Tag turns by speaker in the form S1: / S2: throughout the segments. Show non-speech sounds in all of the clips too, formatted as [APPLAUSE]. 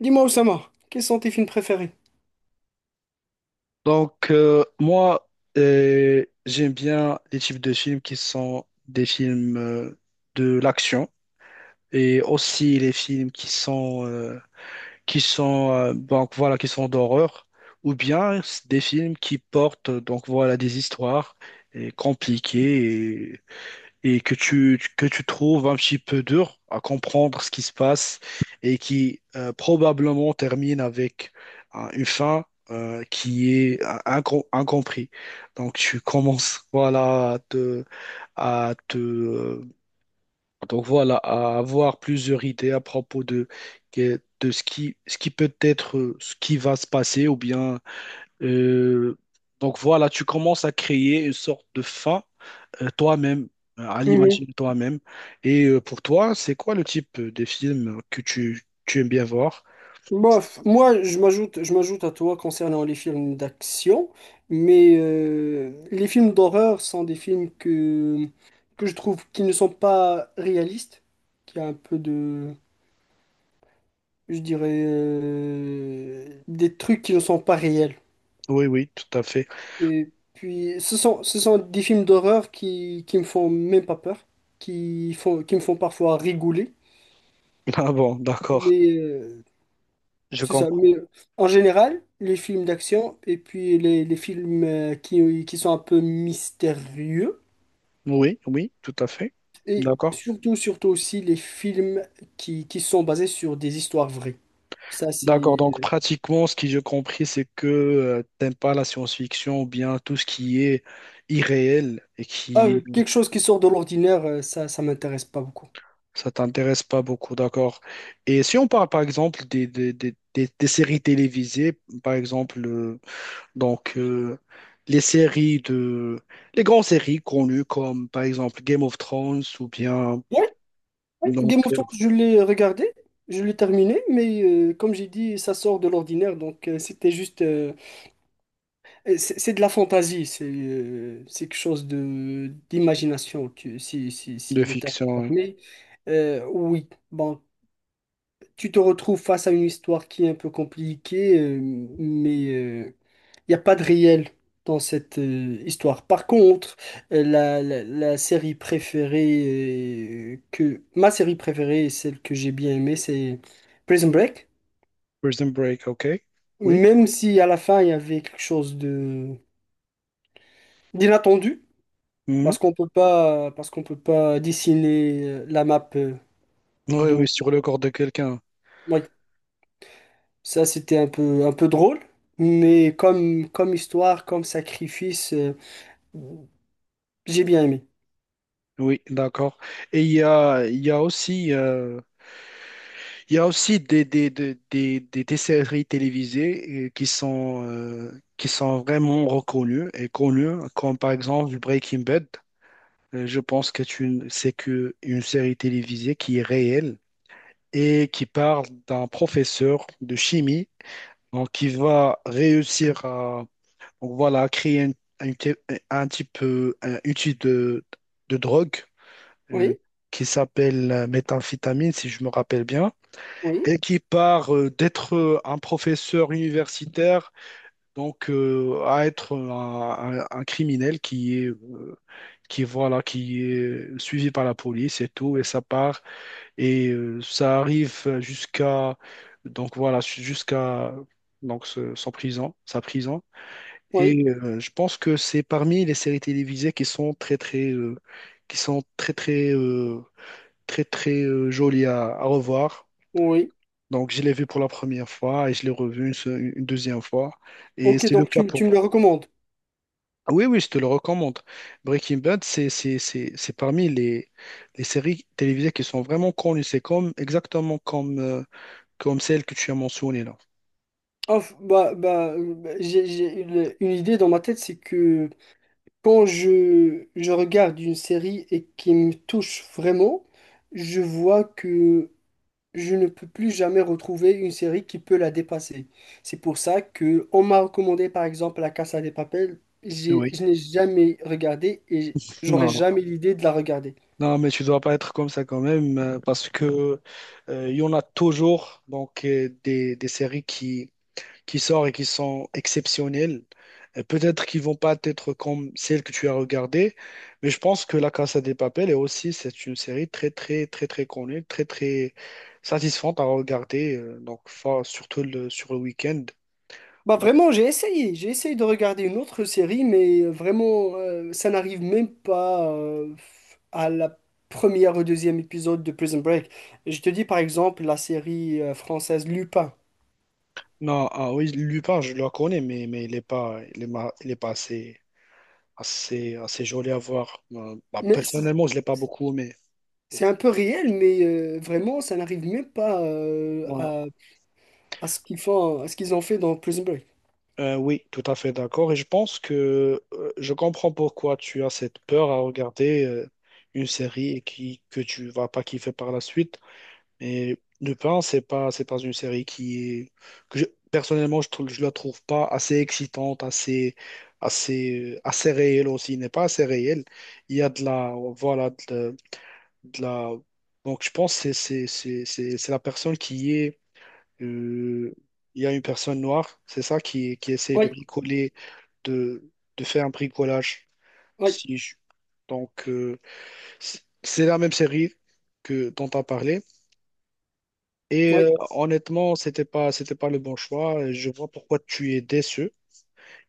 S1: Dis-moi, Oussama, quels sont tes films préférés?
S2: Moi, j'aime bien les types de films qui sont des films de l'action et aussi les films qui sont, voilà, qui sont d'horreur, ou bien des films qui portent, donc, voilà, des histoires compliquées et que tu trouves un petit peu dur à comprendre ce qui se passe, et qui probablement termine avec une fin qui est incompris. Donc tu commences, voilà, à te donc voilà, à avoir plusieurs idées à propos de de ce qui peut être, ce qui va se passer, ou bien euh, voilà, tu commences à créer une sorte de fin toi-même, à
S1: Mhm.
S2: l'imaginer toi-même. Et pour toi, c'est quoi le type des films que tu aimes bien voir?
S1: Bof, moi, je m'ajoute à toi concernant les films d'action, mais les films d'horreur sont des films que je trouve qui ne sont pas réalistes, qui a un peu de, je dirais, des trucs qui ne sont pas réels.
S2: Oui, oui, tout à fait. [LAUGHS]
S1: Et puis, ce sont des films d'horreur qui me font même pas peur, qui me font parfois rigoler.
S2: Ah bon, d'accord,
S1: Mais euh,
S2: je
S1: C'est ça,
S2: comprends.
S1: mais En général, les films d'action et puis les films qui sont un peu mystérieux,
S2: Oui, oui, tout à fait.
S1: et
S2: D'accord.
S1: surtout, surtout aussi les films qui sont basés sur des histoires vraies. Ça,
S2: D'accord,
S1: c'est...
S2: donc
S1: euh,
S2: pratiquement, ce que j'ai compris, c'est que tu t'aimes pas la science-fiction, ou bien tout ce qui est irréel et
S1: Ah,
S2: qui,
S1: quelque chose qui sort de l'ordinaire, ça, ça m'intéresse pas beaucoup.
S2: ça t'intéresse pas beaucoup, d'accord. Et si on parle par exemple des, des séries télévisées, par exemple, Donc, euh, les séries de, les grandes séries connues comme par exemple Game of Thrones, ou bien
S1: Oui,
S2: donc
S1: Game of
S2: euh,
S1: Thrones, je l'ai regardé, je l'ai terminé, mais comme j'ai dit, ça sort de l'ordinaire, donc C'est de la fantaisie, c'est quelque chose de d'imagination, si, si,
S2: de
S1: si le terme
S2: fiction,
S1: est
S2: hein.
S1: permis. Oui, bon, tu te retrouves face à une histoire qui est un peu compliquée, mais euh, il n'y a pas de réel dans cette histoire. Par contre, la série préférée que ma série préférée, et celle que j'ai bien aimée, c'est Prison Break.
S2: Prison Break, ok? Oui.
S1: Même si à la fin il y avait quelque chose de d'inattendu.
S2: Mhm.
S1: Parce qu'on peut pas, parce qu'on peut pas dessiner la map
S2: Oui,
S1: de.
S2: oui, sur le corps de quelqu'un.
S1: Ouais, ça c'était un peu drôle, mais comme, comme histoire, comme sacrifice, j'ai bien aimé.
S2: Oui, d'accord. Et il y a aussi, il y a aussi des, des séries télévisées qui sont vraiment reconnues et connues, comme par exemple Breaking Bad. Je pense que c'est que une série télévisée qui est réelle et qui parle d'un professeur de chimie, donc, qui va réussir à, donc, voilà, à créer un, un t- un type, un outil de drogue, euh,
S1: Oui,
S2: qui s'appelle méthamphétamine, si je me rappelle bien,
S1: oui,
S2: et qui part d'être un professeur universitaire, à être un, un criminel qui est qui, voilà, qui est suivi par la police et tout, et ça part et ça arrive jusqu'à, donc voilà, jusqu'à, son prison, sa prison.
S1: oui,
S2: Et je pense que c'est parmi les séries télévisées qui sont très très qui sont très très très très jolies à revoir.
S1: oui.
S2: Donc je l'ai vu pour la première fois et je l'ai revu une deuxième fois. Et
S1: Ok,
S2: c'est le
S1: donc
S2: cas
S1: tu,
S2: pour.
S1: tu me le recommandes.
S2: Ah oui, oui, je te le recommande. Breaking Bad, c'est parmi les séries télévisées qui sont vraiment connues. C'est comme exactement comme comme celle que tu as mentionnée là.
S1: J'ai, une idée dans ma tête, c'est que quand je regarde une série et qui me touche vraiment, je vois que je ne peux plus jamais retrouver une série qui peut la dépasser. C'est pour ça que on m'a recommandé par exemple La Casa des Papel.
S2: Oui,
S1: Je n'ai jamais regardé et j'aurais
S2: non,
S1: jamais l'idée de la regarder.
S2: non, mais tu dois pas être comme ça quand même, parce que il y en a toujours, des séries qui sortent et qui sont exceptionnelles. Et peut-être qu'ils vont pas être comme celles que tu as regardées, mais je pense que La Casa de Papel est aussi, c'est une série très, très, très, très connue, très, très satisfaisante à regarder, donc surtout le, sur le week-end.
S1: Bah
S2: Donc,
S1: vraiment, j'ai essayé de regarder une autre série, mais vraiment, ça n'arrive même pas à la première ou deuxième épisode de Prison Break. Je te dis par exemple la série française Lupin.
S2: non, ah oui, Lupin, je le connais, mais il n'est pas, il est pas assez, assez, assez joli à voir. Bah,
S1: Mais
S2: personnellement, je ne l'ai pas beaucoup aimé.
S1: c'est un peu réel, mais vraiment, ça n'arrive même pas à ce qu'ils font, à ce qu'ils ont fait dans Prison Break.
S2: Oui, tout à fait d'accord. Et je pense que je comprends pourquoi tu as cette peur à regarder une série et qui, que tu vas pas kiffer par la suite. Mais Lupin, c'est pas une série qui est, que je- personnellement, je trouve, je la trouve pas assez excitante, assez, assez, assez réelle aussi. Il n'est pas assez réelle. Il y a de la, voilà, de la. Donc, je pense que c'est, c'est la personne qui est. euh, il y a une personne noire, c'est ça, qui essaie de
S1: Oui,
S2: bricoler, de, de faire un bricolage.
S1: oui,
S2: Si je- Donc, c- c'est la même série que dont tu as parlé. Et
S1: oui,
S2: honnêtement, c'était pas le bon choix. Je vois pourquoi tu es déçu.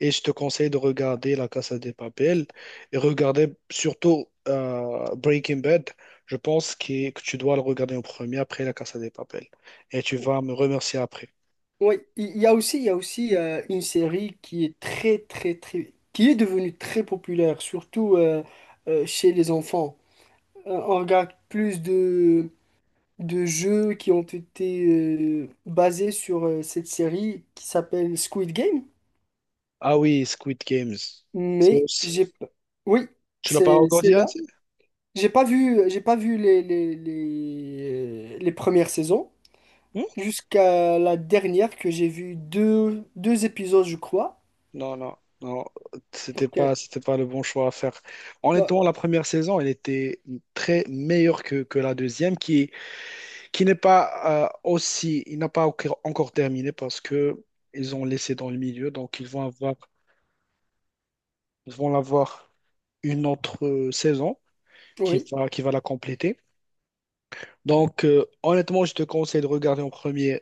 S2: Et je te conseille de regarder La Casa de Papel et regarder surtout Breaking Bad. Je pense que tu dois le regarder en premier après La Casa de Papel. Et tu vas me remercier après.
S1: oui. Il y a aussi, il y a aussi une série qui est très, très, très, qui est devenue très populaire, surtout chez les enfants. On regarde plus de jeux qui ont été basés sur cette série qui s'appelle Squid Game,
S2: Ah oui, Squid Games. C'est
S1: mais
S2: aussi.
S1: oui,
S2: Tu l'as pas
S1: c'est
S2: regardé, hein?
S1: là. J'ai pas vu les premières saisons,
S2: Hmm.
S1: jusqu'à la dernière que j'ai vu deux, deux épisodes, je crois.
S2: Non, non, non,
S1: Donc, euh,
S2: c'était pas le bon choix à faire.
S1: bah,
S2: Honnêtement, la première saison, elle était très meilleure que la deuxième, qui n'est pas aussi, il n'a pas encore encore terminé parce que ils ont laissé dans le milieu, donc ils vont avoir une autre saison
S1: oui,
S2: qui va la compléter. Donc, honnêtement, je te conseille de regarder en premier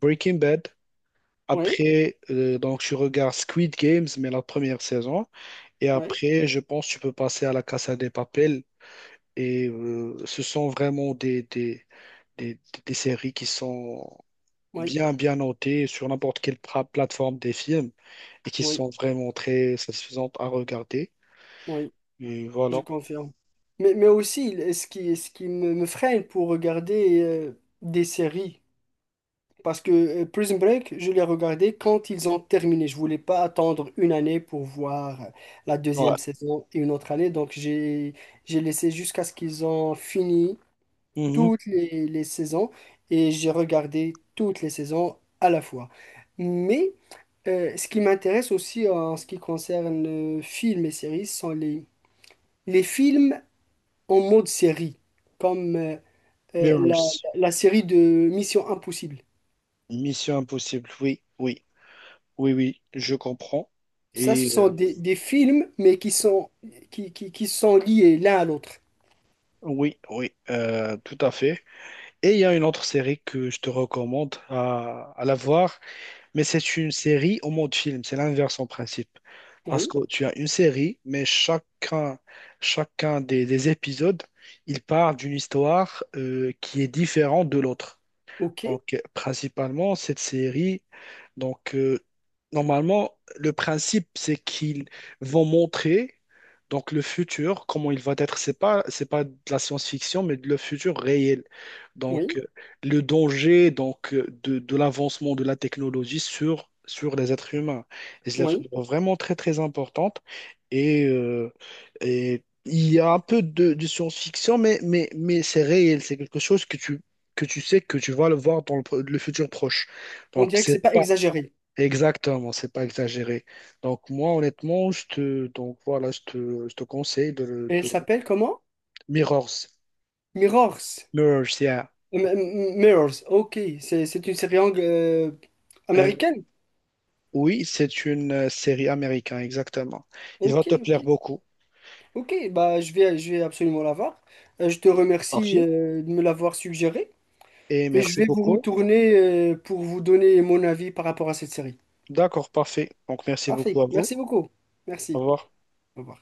S2: Breaking Bad.
S1: oui,
S2: Après, donc tu regardes Squid Games, mais la première saison. Et
S1: oui,
S2: après, je pense que tu peux passer à la Casa des Papel. Et ce sont vraiment des, des séries qui sont
S1: oui,
S2: bien, bien notées sur n'importe quelle plateforme des films et qui
S1: oui,
S2: sont vraiment très satisfaisantes à regarder.
S1: oui,
S2: Et
S1: je
S2: voilà.
S1: confirme. Mais aussi, ce qui me, me freine pour regarder des séries, parce que Prison Break, je l'ai regardé quand ils ont terminé. Je voulais pas attendre une année pour voir la
S2: Ouais.
S1: deuxième saison et une autre année, donc j'ai laissé jusqu'à ce qu'ils ont fini
S2: Mhm.
S1: toutes les saisons et j'ai regardé toutes les saisons à la fois. Mais ce qui m'intéresse aussi en ce qui concerne films et séries, ce sont les films en mode série, comme euh, la,
S2: Mirrors.
S1: la série de Mission Impossible.
S2: Mission Impossible. Oui, oui, oui, oui, je comprends.
S1: Ça, ce
S2: Et
S1: sont des films, mais qui sont, qui sont liés l'un à l'autre.
S2: oui, oui, tout à fait. Et il y a une autre série que je te recommande à la voir. Mais c'est une série au mode film, c'est l'inverse en principe. Parce
S1: Oui,
S2: que tu as une série, mais chacun, chacun des épisodes, il part d'une histoire qui est différente de l'autre.
S1: ok,
S2: Donc, principalement, cette série, donc, normalement, le principe, c'est qu'ils vont montrer, donc, le futur, comment il va être. C'est pas de la science-fiction, mais de le futur réel.
S1: oui,
S2: Donc, le danger, de l'avancement de la technologie sur, sur les êtres humains. Les êtres humains
S1: oui.
S2: sont vraiment très, très importante. Et, euh, et il y a un peu de science-fiction, mais c'est réel. C'est quelque chose que tu, que tu sais que tu vas le voir dans le, le futur proche.
S1: On
S2: Donc,
S1: dirait que
S2: c'est
S1: c'est pas
S2: pas
S1: exagéré.
S2: exactement, c'est pas exagéré. Donc, moi, honnêtement, je te, donc, voilà, je te conseille de,
S1: Elle
S2: de-
S1: s'appelle comment?
S2: Mirrors.
S1: Mirrors.
S2: Mirrors, yeah.
S1: Mirrors, ok, c'est une série
S2: Euh,
S1: américaine.
S2: oui, c'est une série américaine, exactement. Il va
S1: Ok,
S2: te plaire
S1: ok,
S2: beaucoup.
S1: ok, bah je vais absolument la voir. Je te remercie
S2: Parfait.
S1: de me l'avoir suggéré
S2: Et
S1: et je
S2: merci
S1: vais vous
S2: beaucoup.
S1: retourner pour vous donner mon avis par rapport à cette série.
S2: D'accord, parfait. Donc, merci beaucoup
S1: Parfait,
S2: à vous.
S1: merci beaucoup.
S2: Au
S1: Merci.
S2: revoir.
S1: Au revoir.